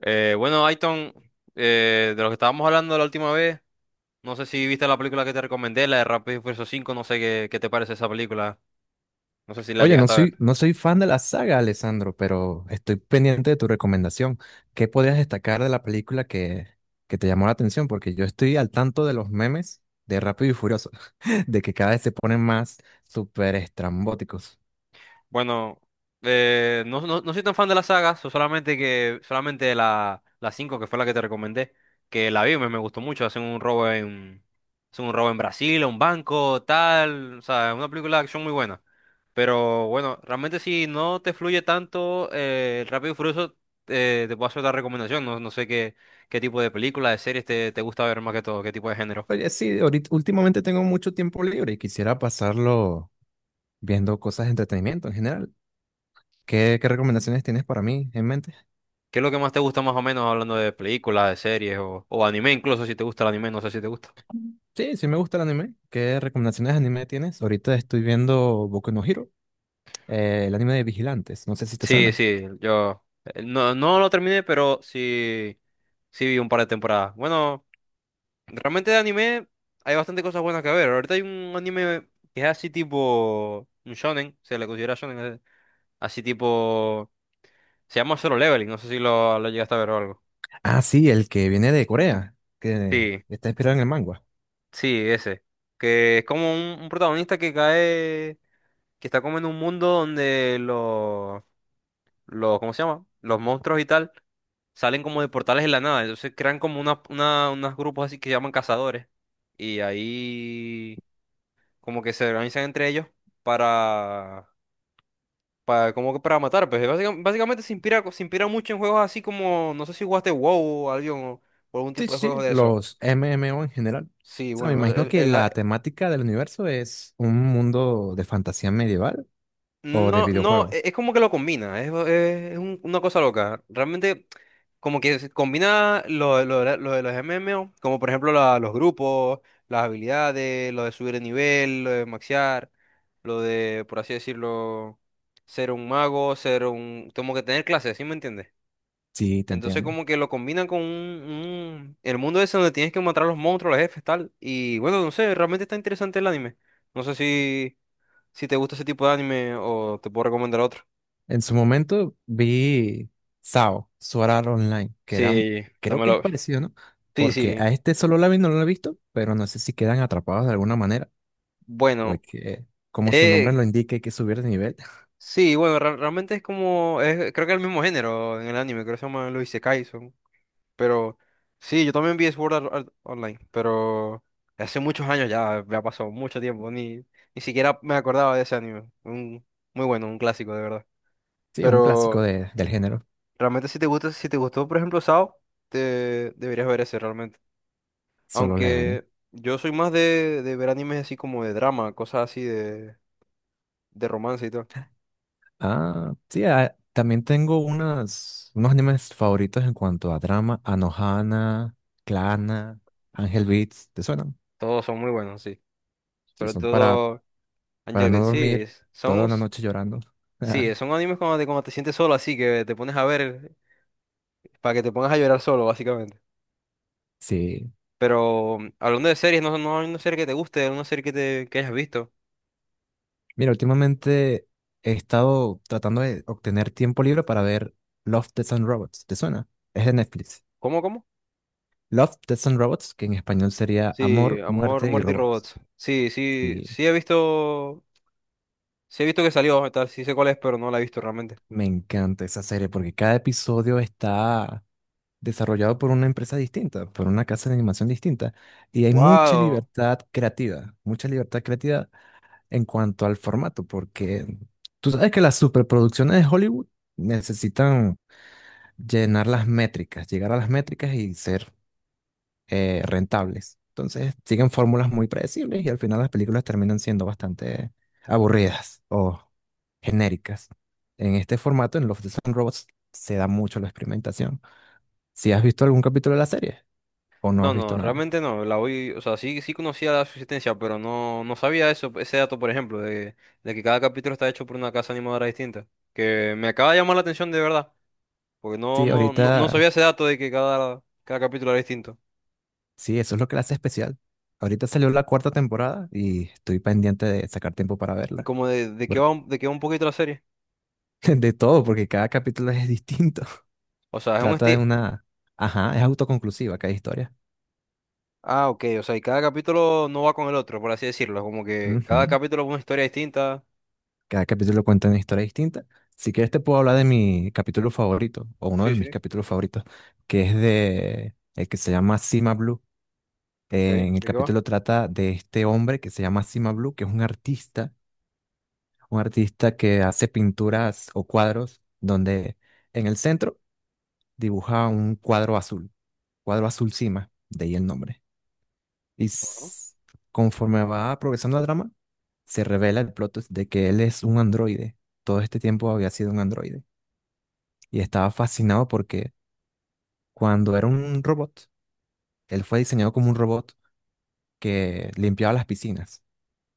Bueno, Aiton, de lo que estábamos hablando la última vez, no sé si viste la película que te recomendé, la de Rápido y Furioso 5, no sé qué, te parece esa película, no sé si la Oye, no llegaste a soy, ver. no soy fan de la saga, Alessandro, pero estoy pendiente de tu recomendación. ¿Qué podrías destacar de la película que te llamó la atención? Porque yo estoy al tanto de los memes de Rápido y Furioso, de que cada vez se ponen más súper estrambóticos. Bueno, no, no, no soy tan fan de la saga, solamente que solamente la 5 que fue la que te recomendé, que la vi, me gustó mucho, hacen un robo en Brasil, a un banco, tal, o sea, una película de acción muy buena. Pero bueno, realmente si no te fluye tanto el Rápido y Furioso, te puedo hacer otra recomendación. No, no sé qué tipo de películas, de series te gusta ver más que todo, qué tipo de género. Oye, sí, ahorita, últimamente tengo mucho tiempo libre y quisiera pasarlo viendo cosas de entretenimiento en general. ¿Qué, qué recomendaciones tienes para mí en mente? ¿Qué es lo que más te gusta más o menos hablando de películas, de series o anime incluso, si te gusta el anime, no sé si te gusta. Sí, sí me gusta el anime. ¿Qué recomendaciones de anime tienes? Ahorita estoy viendo Boku no Hero. El anime de Vigilantes, no sé si te Sí, suena. sí, yo no, no lo terminé, pero sí, sí vi un par de temporadas. Bueno, realmente de anime hay bastante cosas buenas que ver. Ahorita hay un anime que es así tipo un shonen, se le considera shonen, así tipo. Se llama Solo Leveling, no sé si lo llegaste a ver o algo. Ah, sí, el que viene de Corea, que Sí, está inspirado en el manga. sí, ese. Que es como un protagonista que cae, que está como en un mundo donde los, ¿cómo se llama? Los monstruos y tal salen como de portales en la nada. Entonces crean como una, unos grupos así que llaman cazadores. Y ahí como que se organizan entre ellos para, para como que para matar. Pues básicamente se inspira mucho en juegos así como, no sé si jugaste WoW o algo, o algún Sí, tipo de sí, juegos sí, de eso. los MMO en general. O Sí, sea, me bueno, imagino que la temática del universo es un mundo de fantasía medieval o de no, no, videojuego. Es como que lo combina, es una cosa loca. Realmente, como que se combina lo de los MMO, como por ejemplo los grupos, las habilidades, lo de subir de nivel, lo de maxear, lo de, por así decirlo, ser un mago, como que tener clases, ¿sí me entiendes? Sí, te Entonces entiendo. como que lo combinan con el mundo ese donde tienes que matar a los monstruos, los jefes, tal. Y bueno, no sé, realmente está interesante el anime. No sé si. Si te gusta ese tipo de anime o te puedo recomendar otro. En su momento vi SAO, Sword Art Online, que era, Sí, creo que es dámelo. parecido, ¿no? Sí, Porque sí. a este solo la vi, no lo he visto, pero no sé si quedan atrapados de alguna manera, Bueno, porque como su nombre eh, lo indica, hay que subir de nivel. sí, bueno, realmente es como, creo que es el mismo género en el anime, creo que se llama los Isekais. Pero sí, yo también vi Sword Art Online, pero hace muchos años ya, me ha pasado mucho tiempo, ni siquiera me acordaba de ese anime. Muy bueno, un clásico, de verdad. Sí, es un clásico Pero del género, realmente si te gustó, por ejemplo, Sao, te deberías ver ese realmente. Solo Leveling. Aunque yo soy más de ver animes así como de drama, cosas así de romance y todo. Sí, también tengo unos animes favoritos en cuanto a drama, Anohana, Clana, Angel Beats, ¿te suenan? Todos son muy buenos, sí. Sí, Pero son todo para Angel no Beats, sí. dormir es- Son, toda una os- noche llorando. sí, son animes cuando te sientes solo, así que te pones a ver para que te pongas a llorar solo, básicamente. Sí, Pero hablando de series, no, no hay una serie que te guste, una serie que hayas visto. mira, últimamente he estado tratando de obtener tiempo libre para ver Love, Death and Robots, ¿te suena? Es de Netflix. ¿Cómo, cómo? Love, Death and Robots, que en español sería Sí, Amor, Amor, Muerte y Muerte y Robots. Robots. Sí, sí, Sí. sí he visto que salió, tal, sí sé cuál es, pero no la he visto realmente. Me encanta esa serie porque cada episodio está desarrollado por una empresa distinta, por una casa de animación distinta, y hay Wow. Mucha libertad creativa en cuanto al formato, porque tú sabes que las superproducciones de Hollywood necesitan llenar las métricas, llegar a las métricas y ser rentables. Entonces siguen fórmulas muy predecibles y al final las películas terminan siendo bastante aburridas o genéricas. En este formato, en Love, Death and Robots, se da mucho la experimentación. Si has visto algún capítulo de la serie o no has No, visto no, nada. realmente no. O sea, sí, sí conocía la subsistencia, pero no, no sabía eso, ese dato, por ejemplo, de que cada capítulo está hecho por una casa animadora distinta. Que me acaba de llamar la atención de verdad, porque no, Sí, no, no, no ahorita, sabía ese dato de que cada capítulo era distinto. sí, eso es lo que la hace especial. Ahorita salió la cuarta temporada y estoy pendiente de sacar tiempo para Y verla. como de qué Por- va, de qué va un poquito la serie. de todo, porque cada capítulo es distinto. O sea, es un Trata de estilo. una... Ajá, es autoconclusiva cada historia. Ah, ok, o sea, y cada capítulo no va con el otro, por así decirlo. Como que cada Ujú. capítulo es una historia distinta. Cada capítulo cuenta una historia distinta. Si quieres te puedo hablar de mi capítulo favorito, o uno Sí, de mis sí. capítulos favoritos, que es de el que se llama Cima Blue. Ok, En el ¿de qué va? capítulo trata de este hombre que se llama Cima Blue, que es un artista que hace pinturas o cuadros donde en el centro dibuja un cuadro azul Cima, de ahí el nombre. Y Ajá. s- conforme va progresando el drama, se revela el plot twist de que él es un androide. Todo este tiempo había sido un androide y estaba fascinado porque cuando era un robot, él fue diseñado como un robot que limpiaba las piscinas.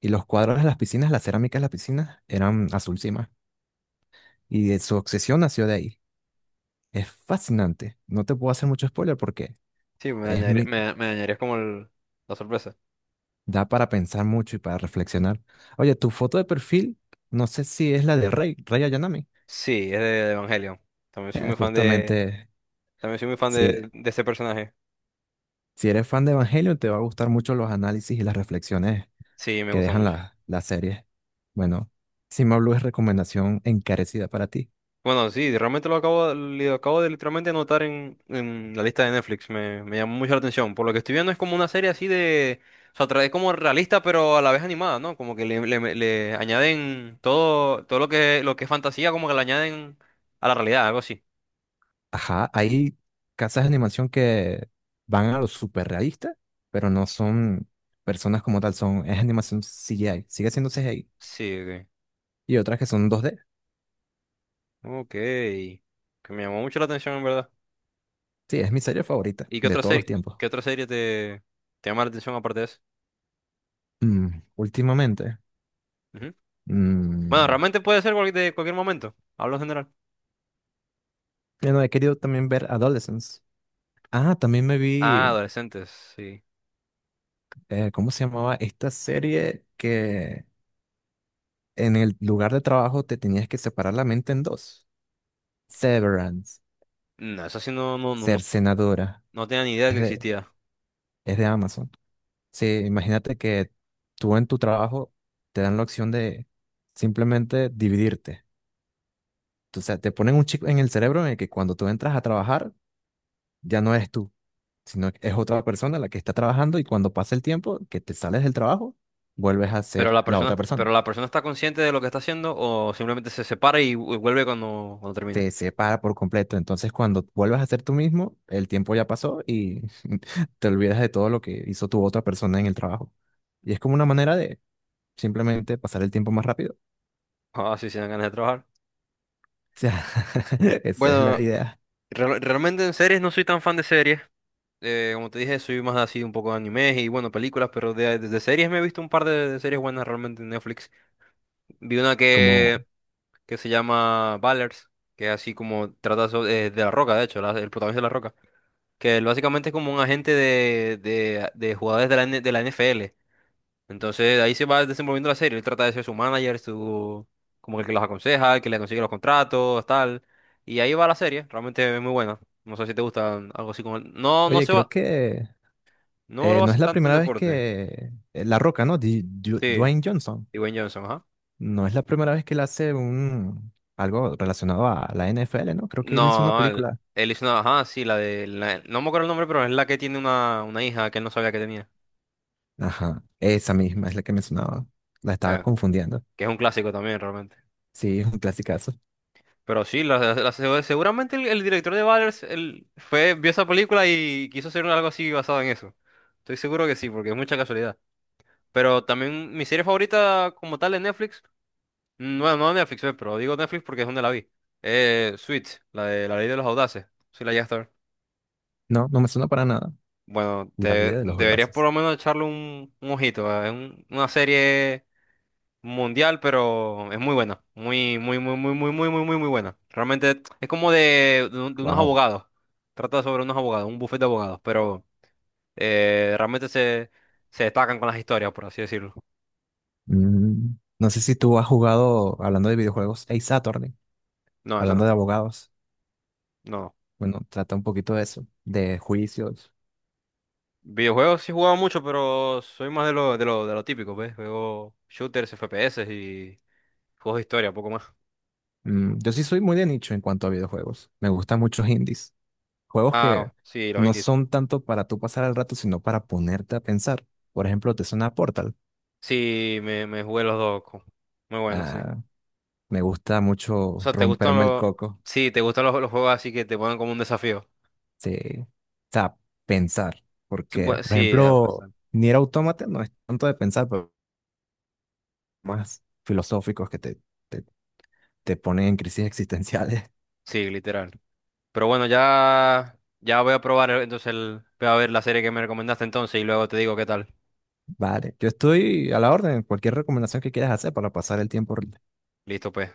Y los cuadros de las piscinas, las cerámicas de las piscinas, eran azul cima. Y de su obsesión nació de ahí. Es fascinante. No te puedo hacer mucho spoiler porque Sí, es mi, me dañarías como la sorpresa. da para pensar mucho y para reflexionar. Oye, tu foto de perfil, no sé si es la de Rey Ayanami. Sí, es de Evangelion. También soy Eh, muy fan de, justamente, también soy muy fan si, de ese personaje. si eres fan de Evangelion, te va a gustar mucho los análisis y las reflexiones Sí, me que gusta dejan mucho. Las series. Bueno, Cima Blue es recomendación encarecida para ti. Bueno, sí, realmente lo acabo de literalmente anotar en la lista de Netflix. Me llamó mucho la atención. Por lo que estoy viendo es como una serie así de, o sea, trae como realista, pero a la vez animada, ¿no? Como que le añaden todo, lo que es fantasía, como que le añaden a la realidad, algo así. Ajá, hay casas de animación que van a lo súper realista, pero no son personas como tal, son, es animación CGI, sigue siendo CGI. Sí, ok. Y otras que son dos d. Ok. Que me llamó mucho la atención, en verdad. Sí, es mi serie favorita ¿Y qué de otra todos los serie, tiempos. Te llama la atención aparte de esa? Mm, últimamente, Ujú. Bueno, mm, realmente puede ser de cualquier momento. Hablo en general. bueno, he querido también ver Adolescence. Ah, también me Ah, vi, adolescentes, sí. ¿Cómo se llamaba? Esta serie que en el lugar de trabajo te tenías que separar la mente en dos. Severance, No, eso sí no, no, no, Cercenadora. no tenía ni idea Es que existía. es de Amazon. Sí, imagínate que tú en tu trabajo te dan la opción de simplemente dividirte. O sea, te ponen un chip en el cerebro en el que cuando tú entras a trabajar ya no eres tú, sino que es otra persona la que está trabajando y cuando pasa el tiempo que te sales del trabajo, vuelves a ser la otra Pero persona. la persona está consciente de lo que está haciendo o simplemente se separa y, vuelve cuando termina. Te separa por completo. Entonces, cuando vuelves a ser tú mismo, el tiempo ya pasó y te olvidas de todo lo que hizo tu otra persona en el trabajo. Y es como una manera de simplemente pasar el tiempo más rápido Ah, sí, se dan ganas de trabajar. sea, esa es la Bueno, idea. Realmente en series no soy tan fan de series. Como te dije, soy más así un poco de animes y bueno, películas, pero de series me he visto un par de series buenas realmente en Netflix. Vi una Como, que que se llama Ballers, que es así como trata La Roca, de hecho, el protagonista de La Roca, que él básicamente es como un agente de jugadores de la NFL. Entonces ahí se va desenvolviendo la serie, él trata de ser su manager, su, como el que los aconseja, el que le consigue los contratos, tal. Y ahí va la serie, realmente es muy buena. No sé si te gusta algo así como. No, no oye, se creo va, que no lo no es hacen la tanto en primera vez deporte. que La Roca, ¿no? Sí, Dwayne Johnson. Dwayne Johnson, ajá. No es la primera vez que él hace un algo relacionado a la NFL, ¿no? Creo que él hizo una No, él, película. él hizo una, ajá, sí, no me acuerdo el nombre, pero es la que tiene una hija que él no sabía que tenía. Ajá, esa misma es la que mencionaba. La estaba Eh, confundiendo. que es un clásico también realmente. Sí, es un clasicazo. Pero sí, seguramente el director de Valers vio esa película y quiso hacer algo así basado en eso. Estoy seguro que sí, porque es mucha casualidad. Pero también mi serie favorita como tal de Netflix, bueno, no de Netflix, pero digo Netflix porque es donde la vi. Suits, la de La Ley de los Audaces. Sí, la llegaste a ver. No, no me suena para nada. Bueno, La vida de los deberías por juegazos. lo menos echarle un ojito. Es una serie mundial, pero es muy buena. Muy, muy, muy, muy, muy, muy, muy, muy, muy buena. Realmente es como de unos Wow. abogados. Trata sobre unos abogados, un bufete de abogados, pero realmente se destacan con las historias, por así decirlo. Mm, no sé si tú has jugado, hablando de videojuegos, Ace Attorney, No, eso hablando no. de abogados. No. Bueno, trata un poquito de eso, de juicios. Videojuegos sí he jugado mucho, pero soy más de lo típico, ¿ves? Juego shooters, FPS y juegos de historia, poco más. Mm, yo sí soy muy de nicho en cuanto a videojuegos. Me gustan muchos indies. Juegos Ah, que sí, los no indies. son tanto para tú pasar el rato, sino para ponerte a pensar. Por ejemplo, te suena Portal. Sí, me jugué los dos. Muy bueno, sí. O Ah, me gusta mucho sea, romperme el coco. Sí, ¿te gustan los juegos así que te ponen como un desafío? Sí. O sea, pensar. Sí, Porque, por sí, ejemplo, bastante. Nier Automata no es tanto de pensar, pero más filosóficos que te, te ponen en crisis existenciales. Sí, literal. Pero bueno, ya voy a probar entonces voy a ver la serie que me recomendaste entonces y luego te digo qué tal. Vale, yo estoy a la orden. Cualquier recomendación que quieras hacer para pasar el tiempo Listo, pues.